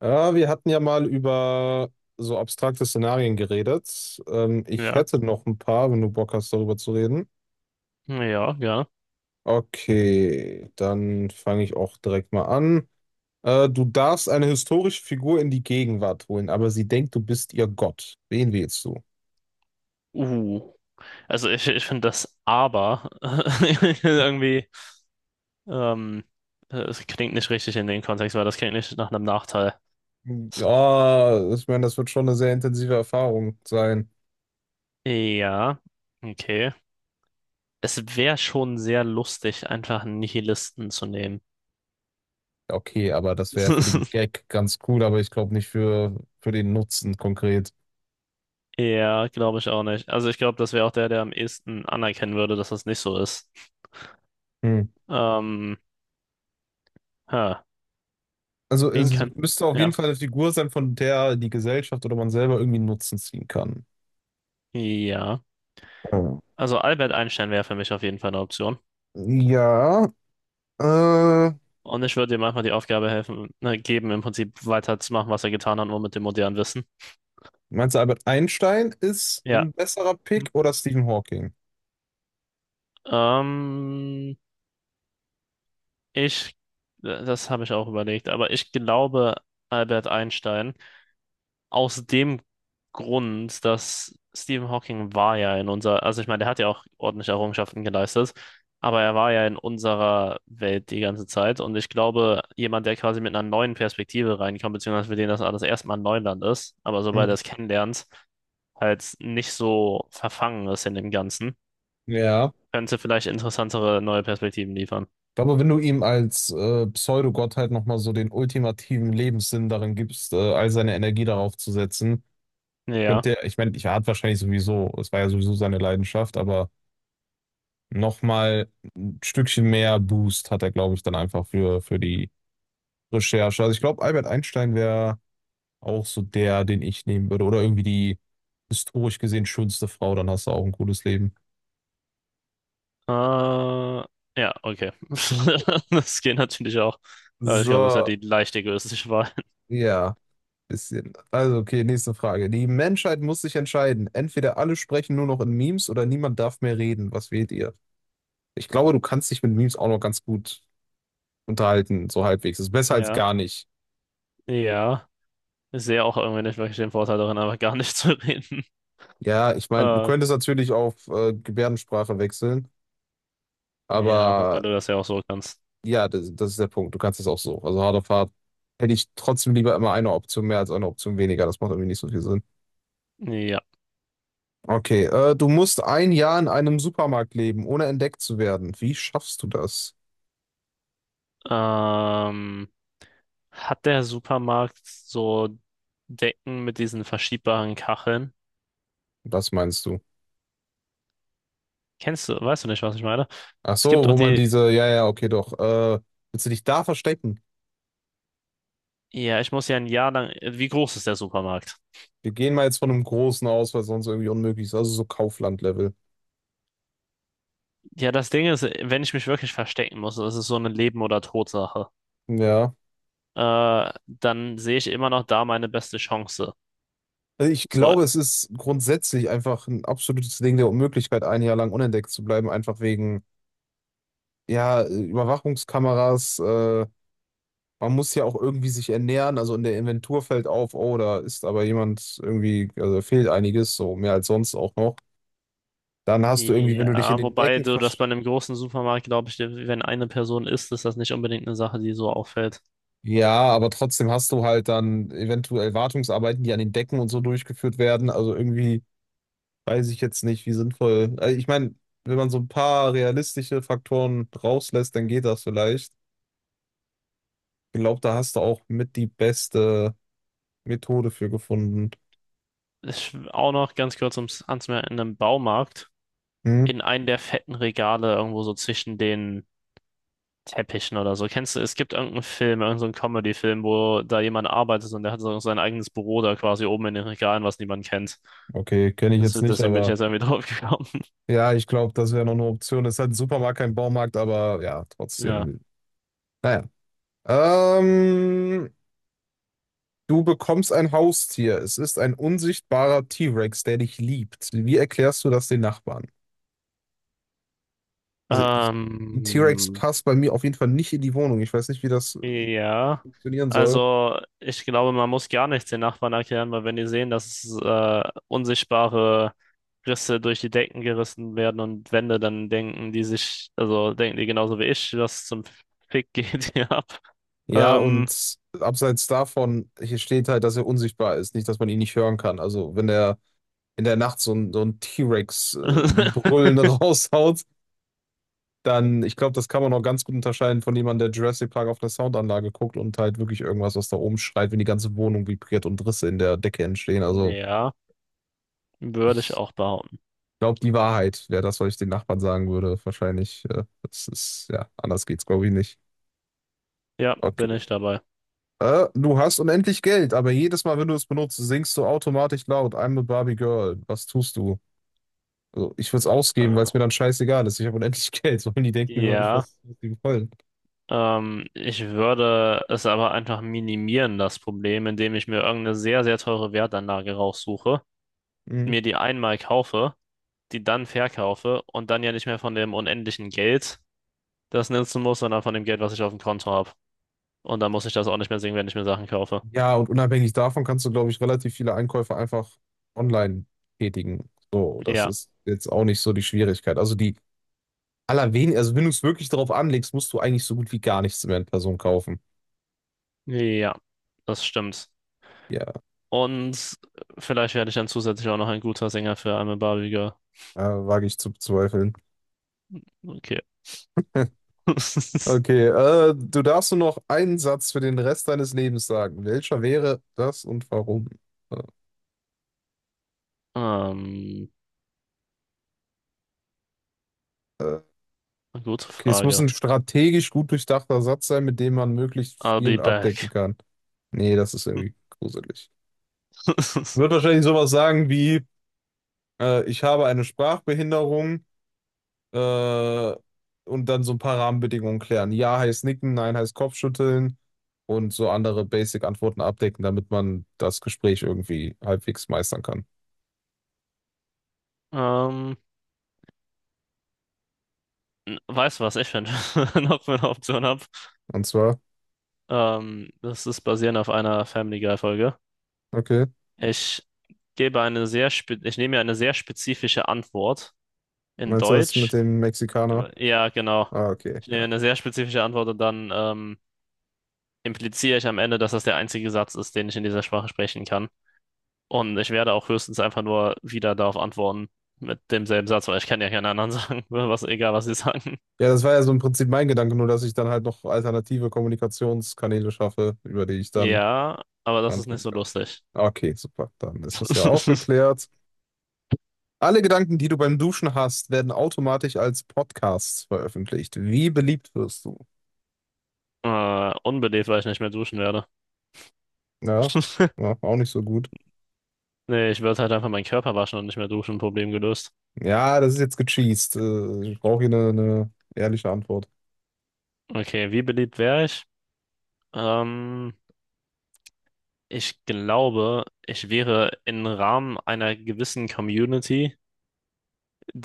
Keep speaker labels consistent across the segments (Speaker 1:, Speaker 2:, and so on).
Speaker 1: Ja, wir hatten ja mal über so abstrakte Szenarien geredet. Ich
Speaker 2: Ja,
Speaker 1: hätte noch ein paar, wenn du Bock hast, darüber zu reden.
Speaker 2: ja, gerne.
Speaker 1: Okay, dann fange ich auch direkt mal an. Du darfst eine historische Figur in die Gegenwart holen, aber sie denkt, du bist ihr Gott. Wen wählst du?
Speaker 2: Uh, also ich finde das aber irgendwie, ähm, es klingt nicht richtig in den Kontext, weil das klingt nicht nach einem Nachteil.
Speaker 1: Ja, ich meine, das wird schon eine sehr intensive Erfahrung sein.
Speaker 2: Ja, okay. Es wäre schon sehr lustig, einfach einen Nihilisten zu nehmen.
Speaker 1: Ja, okay, aber das wäre für den Gag ganz cool, aber ich glaube nicht für den Nutzen konkret.
Speaker 2: Ja, glaube ich auch nicht. Also ich glaube, das wäre auch der am ehesten anerkennen würde, dass das nicht so ist.
Speaker 1: Hm.
Speaker 2: Ähm, ha,
Speaker 1: Also
Speaker 2: wen
Speaker 1: es
Speaker 2: kann?
Speaker 1: müsste auf jeden
Speaker 2: Ja.
Speaker 1: Fall eine Figur sein, von der die Gesellschaft oder man selber irgendwie einen Nutzen ziehen kann.
Speaker 2: Ja.
Speaker 1: Oh.
Speaker 2: Also Albert Einstein wäre für mich auf jeden Fall eine Option.
Speaker 1: Ja, äh,
Speaker 2: Und ich würde ihm einfach die Aufgabe helfen, ne, geben, im Prinzip weiterzumachen, was er getan hat, nur mit dem modernen Wissen.
Speaker 1: meinst du, Albert Einstein ist
Speaker 2: Ja.
Speaker 1: ein besserer
Speaker 2: Hm.
Speaker 1: Pick oder Stephen Hawking?
Speaker 2: Ähm, ich, das habe ich auch überlegt, aber ich glaube Albert Einstein aus dem Grund, dass Stephen Hawking war ja in unserer, also ich meine, der hat ja auch ordentliche Errungenschaften geleistet, aber er war ja in unserer Welt die ganze Zeit und ich glaube, jemand, der quasi mit einer neuen Perspektive reinkommt, beziehungsweise für den das alles erstmal Neuland ist, aber sobald er
Speaker 1: Hm.
Speaker 2: es kennenlernt, halt nicht so verfangen ist in dem Ganzen.
Speaker 1: Ja.
Speaker 2: Könnte vielleicht interessantere neue Perspektiven liefern.
Speaker 1: Aber wenn du ihm als Pseudogottheit nochmal so den ultimativen Lebenssinn darin gibst, all seine Energie darauf zu setzen,
Speaker 2: Ja.
Speaker 1: könnte er, ich meine, ich er hat wahrscheinlich sowieso, es war ja sowieso seine Leidenschaft, aber nochmal ein Stückchen mehr Boost hat er, glaube ich, dann einfach für die Recherche. Also ich glaube, Albert Einstein wäre auch so der, den ich nehmen würde. Oder irgendwie die historisch gesehen schönste Frau, dann hast du auch ein cooles Leben.
Speaker 2: Äh, ja, okay. Das geht natürlich auch. Aber ich glaube, das hat
Speaker 1: So,
Speaker 2: die leicht egoistische Wahl.
Speaker 1: ja, bisschen. Also, okay, nächste Frage. Die Menschheit muss sich entscheiden. Entweder alle sprechen nur noch in Memes oder niemand darf mehr reden. Was wählt ihr? Ich glaube, du kannst dich mit Memes auch noch ganz gut unterhalten, so halbwegs. Ist besser als
Speaker 2: Ja.
Speaker 1: gar nicht.
Speaker 2: Ja. Ich sehe auch irgendwie nicht wirklich den Vorteil darin, einfach gar nicht zu reden.
Speaker 1: Ja, ich meine, du
Speaker 2: Äh,
Speaker 1: könntest natürlich auf Gebärdensprache wechseln,
Speaker 2: ja, wobei
Speaker 1: aber
Speaker 2: du das ja auch so kannst.
Speaker 1: Ja, das ist der Punkt. Du kannst es auch so. Also harte Fahrt hätte ich trotzdem lieber immer eine Option mehr als eine Option weniger. Das macht irgendwie nicht so viel Sinn.
Speaker 2: Ja.
Speaker 1: Okay, du musst ein Jahr in einem Supermarkt leben, ohne entdeckt zu werden. Wie schaffst du das?
Speaker 2: Ähm, hat der Supermarkt so Decken mit diesen verschiebbaren Kacheln?
Speaker 1: Das meinst du?
Speaker 2: Kennst du, weißt du nicht, was ich meine?
Speaker 1: Ach
Speaker 2: Es gibt
Speaker 1: so,
Speaker 2: doch
Speaker 1: wo man
Speaker 2: die,
Speaker 1: diese, ja, ja, okay, doch. Willst du dich da verstecken?
Speaker 2: ja, ich muss ja ein Jahr lang. Wie groß ist der Supermarkt?
Speaker 1: Wir gehen mal jetzt von einem großen aus, weil sonst irgendwie unmöglich ist. Also so Kaufland-Level.
Speaker 2: Ja, das Ding ist, wenn ich mich wirklich verstecken muss, das ist so eine Leben- oder Tod-Sache,
Speaker 1: Ja.
Speaker 2: dann sehe ich immer noch da meine beste Chance.
Speaker 1: Also ich
Speaker 2: So,
Speaker 1: glaube, es ist grundsätzlich einfach ein absolutes Ding der Unmöglichkeit, ein Jahr lang unentdeckt zu bleiben, einfach wegen ja, Überwachungskameras, man muss ja auch irgendwie sich ernähren. Also in der Inventur fällt auf, oh, da ist aber jemand irgendwie, also fehlt einiges, so mehr als sonst auch noch. Dann hast du irgendwie, wenn du dich in
Speaker 2: ja,
Speaker 1: den
Speaker 2: wobei
Speaker 1: Decken
Speaker 2: so, dass
Speaker 1: versch...
Speaker 2: bei einem großen Supermarkt, glaube ich, wenn eine Person ist, ist das nicht unbedingt eine Sache, die so auffällt.
Speaker 1: Ja, aber trotzdem hast du halt dann eventuell Wartungsarbeiten, die an den Decken und so durchgeführt werden. Also irgendwie weiß ich jetzt nicht, wie sinnvoll. Also ich meine, wenn man so ein paar realistische Faktoren rauslässt, dann geht das vielleicht. Ich glaube, da hast du auch mit die beste Methode für gefunden.
Speaker 2: Ich, auch noch ganz kurz ums, anzumerken: in einem Baumarkt,
Speaker 1: Hm?
Speaker 2: in einem der fetten Regale irgendwo so zwischen den Teppichen oder so. Kennst du, es gibt irgendeinen Film, irgendeinen Comedy-Film, wo da jemand arbeitet und der hat so sein eigenes Büro da quasi oben in den Regalen, was niemand kennt.
Speaker 1: Okay, kenne ich
Speaker 2: Das,
Speaker 1: jetzt nicht,
Speaker 2: deswegen bin ich
Speaker 1: aber
Speaker 2: jetzt irgendwie drauf gekommen.
Speaker 1: ja, ich glaube, das wäre noch eine Option. Ist halt ein Supermarkt, kein Baumarkt, aber ja,
Speaker 2: Ja.
Speaker 1: trotzdem. Naja. Ähm, Du bekommst ein Haustier. Es ist ein unsichtbarer T-Rex, der dich liebt. Wie erklärst du das den Nachbarn? Also ich, ein T-Rex
Speaker 2: Ähm,
Speaker 1: passt bei mir auf jeden Fall nicht in die Wohnung. Ich weiß nicht, wie das
Speaker 2: ja.
Speaker 1: funktionieren soll.
Speaker 2: Also, ich glaube, man muss gar nichts den Nachbarn erklären, weil wenn die sehen, dass unsichtbare Risse durch die Decken gerissen werden und Wände, dann denken die sich, also denken die genauso wie ich, was zum Fick geht hier ab.
Speaker 1: Ja,
Speaker 2: Ähm,
Speaker 1: und abseits davon, hier steht halt, dass er unsichtbar ist, nicht, dass man ihn nicht hören kann. Also wenn der in der Nacht so ein T-Rex Brüllen raushaut, dann, ich glaube, das kann man auch ganz gut unterscheiden von jemandem, der Jurassic Park auf einer Soundanlage guckt und halt wirklich irgendwas, was da oben schreit, wenn die ganze Wohnung vibriert und Risse in der Decke entstehen. Also,
Speaker 2: ja. Würde ich
Speaker 1: ich
Speaker 2: auch behaupten.
Speaker 1: glaube, die Wahrheit wäre das, was ich den Nachbarn sagen würde. Wahrscheinlich, das ist, ja, anders geht's, glaube ich, nicht.
Speaker 2: Ja,
Speaker 1: Okay.
Speaker 2: bin ich dabei.
Speaker 1: Du hast unendlich Geld, aber jedes Mal, wenn du es benutzt, singst du automatisch laut, I'm a Barbie Girl. Was tust du? Also, ich würde es ausgeben, weil
Speaker 2: Äh,
Speaker 1: es mir dann scheißegal ist. Ich habe unendlich Geld. Sollen die denken über mich,
Speaker 2: Ja,
Speaker 1: was die wollen?
Speaker 2: ich würde es aber einfach minimieren, das Problem, indem ich mir irgendeine sehr, sehr teure Wertanlage raussuche,
Speaker 1: Mhm.
Speaker 2: mir die einmal kaufe, die dann verkaufe und dann ja nicht mehr von dem unendlichen Geld das nutzen muss, sondern von dem Geld, was ich auf dem Konto habe. Und dann muss ich das auch nicht mehr sehen, wenn ich mir Sachen kaufe.
Speaker 1: Ja, und unabhängig davon kannst du, glaube ich, relativ viele Einkäufe einfach online tätigen. So, das
Speaker 2: Ja,
Speaker 1: ist jetzt auch nicht so die Schwierigkeit. Also die allerwenig, also wenn du es wirklich darauf anlegst, musst du eigentlich so gut wie gar nichts mehr in Person kaufen.
Speaker 2: ja, das stimmt.
Speaker 1: Ja,
Speaker 2: Und vielleicht werde ich dann zusätzlich auch noch ein guter Sänger für I'm a Barbie Girl.
Speaker 1: wage ich zu bezweifeln.
Speaker 2: Okay.
Speaker 1: Okay, du darfst nur noch einen Satz für den Rest deines Lebens sagen. Welcher wäre das und warum?
Speaker 2: Ähm,
Speaker 1: Äh,
Speaker 2: eine gute
Speaker 1: okay, es muss
Speaker 2: Frage.
Speaker 1: ein strategisch gut durchdachter Satz sein, mit dem man möglichst
Speaker 2: I'll be
Speaker 1: viel abdecken
Speaker 2: back.
Speaker 1: kann. Nee, das ist irgendwie gruselig. Wird wahrscheinlich sowas sagen wie, ich habe eine Sprachbehinderung, äh, und dann so ein paar Rahmenbedingungen klären. Ja heißt nicken, nein heißt Kopfschütteln und so andere Basic-Antworten abdecken, damit man das Gespräch irgendwie halbwegs meistern kann.
Speaker 2: Ähm, n- weißt du, was ich finde? Noch für eine Option habe.
Speaker 1: Und zwar,
Speaker 2: Das ist basierend auf einer Family Guy Folge.
Speaker 1: okay,
Speaker 2: Ich gebe eine sehr spe ich nehme mir eine sehr spezifische Antwort in
Speaker 1: meinst du das mit
Speaker 2: Deutsch.
Speaker 1: dem Mexikaner?
Speaker 2: Ja, genau.
Speaker 1: Ah, okay,
Speaker 2: Ich nehme
Speaker 1: ja.
Speaker 2: eine sehr spezifische Antwort und dann impliziere ich am Ende, dass das der einzige Satz ist, den ich in dieser Sprache sprechen kann. Und ich werde auch höchstens einfach nur wieder darauf antworten mit demselben Satz, weil ich kann ja keinen anderen sagen, was, egal was sie sagen.
Speaker 1: Ja, das war ja so im Prinzip mein Gedanke, nur dass ich dann halt noch alternative Kommunikationskanäle schaffe, über die ich dann
Speaker 2: Ja, aber das ist nicht
Speaker 1: antworten
Speaker 2: so
Speaker 1: kann.
Speaker 2: lustig.
Speaker 1: Okay, super, dann ist das ja auch geklärt. Alle Gedanken, die du beim Duschen hast, werden automatisch als Podcasts veröffentlicht. Wie beliebt wirst du?
Speaker 2: Unbelebt, weil ich nicht mehr duschen werde.
Speaker 1: Ja, ja, auch nicht so gut.
Speaker 2: Nee, ich würde halt einfach meinen Körper waschen und nicht mehr duschen, Problem gelöst.
Speaker 1: Ja, das ist jetzt gecheast. Ich brauche hier eine ehrliche Antwort.
Speaker 2: Okay, wie beliebt wäre ich? Ähm, ich glaube, ich wäre im Rahmen einer gewissen Community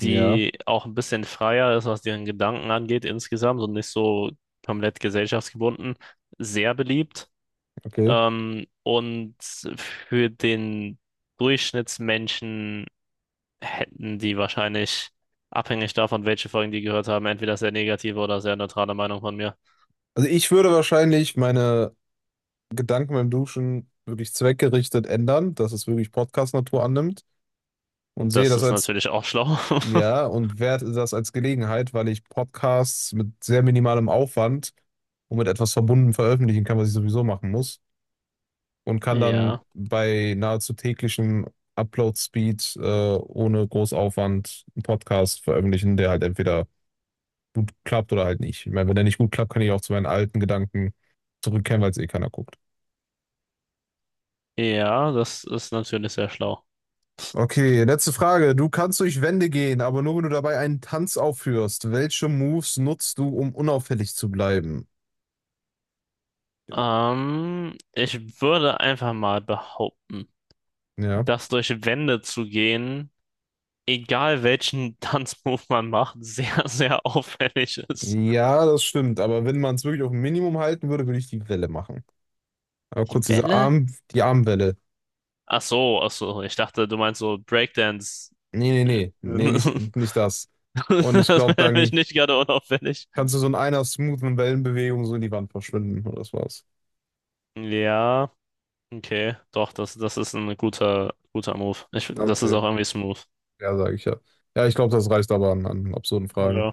Speaker 1: Ja,
Speaker 2: auch ein bisschen freier ist, was ihren Gedanken angeht insgesamt und nicht so komplett gesellschaftsgebunden, sehr beliebt.
Speaker 1: okay.
Speaker 2: Und für den Durchschnittsmenschen hätten die wahrscheinlich, abhängig davon, welche Folgen die gehört haben, entweder sehr negative oder sehr neutrale Meinung von mir.
Speaker 1: Also ich würde wahrscheinlich meine Gedanken beim Duschen wirklich zweckgerichtet ändern, dass es wirklich Podcast-Natur annimmt und sehe
Speaker 2: Das
Speaker 1: das
Speaker 2: ist
Speaker 1: als,
Speaker 2: natürlich auch schlau.
Speaker 1: ja, und werte das als Gelegenheit, weil ich Podcasts mit sehr minimalem Aufwand und mit etwas verbunden veröffentlichen kann, was ich sowieso machen muss, und kann dann
Speaker 2: Ja,
Speaker 1: bei nahezu täglichen Upload-Speed ohne groß Aufwand einen Podcast veröffentlichen, der halt entweder gut klappt oder halt nicht. Ich meine, wenn der nicht gut klappt, kann ich auch zu meinen alten Gedanken zurückkehren, weil es eh keiner guckt.
Speaker 2: ja, das ist natürlich sehr schlau.
Speaker 1: Okay, letzte Frage. Du kannst durch Wände gehen, aber nur wenn du dabei einen Tanz aufführst. Welche Moves nutzt du, um unauffällig zu bleiben?
Speaker 2: Ich würde einfach mal behaupten,
Speaker 1: Ja.
Speaker 2: das durch Wände zu gehen, egal welchen Tanzmove man macht, sehr, sehr auffällig ist.
Speaker 1: Ja, das stimmt. Aber wenn man es wirklich auf ein Minimum halten würde, würde ich die Welle machen. Aber kurz
Speaker 2: Die
Speaker 1: diese
Speaker 2: Welle?
Speaker 1: Arm, die Armwelle.
Speaker 2: Ach so, ich dachte, du meinst so Breakdance.
Speaker 1: Nee, nee,
Speaker 2: Äh,
Speaker 1: nee, nee, nicht das.
Speaker 2: Das
Speaker 1: Und ich glaube,
Speaker 2: wäre nämlich
Speaker 1: dann
Speaker 2: nicht gerade unauffällig.
Speaker 1: kannst du so in einer smoothen Wellenbewegung so in die Wand verschwinden und das war's.
Speaker 2: Ja, okay, doch, das ist ein guter, guter Move. Ich, das ist
Speaker 1: Okay.
Speaker 2: auch irgendwie smooth.
Speaker 1: Ja, sage ich ja. Ja, ich glaube, das reicht aber an, an absurden Fragen.
Speaker 2: Ja.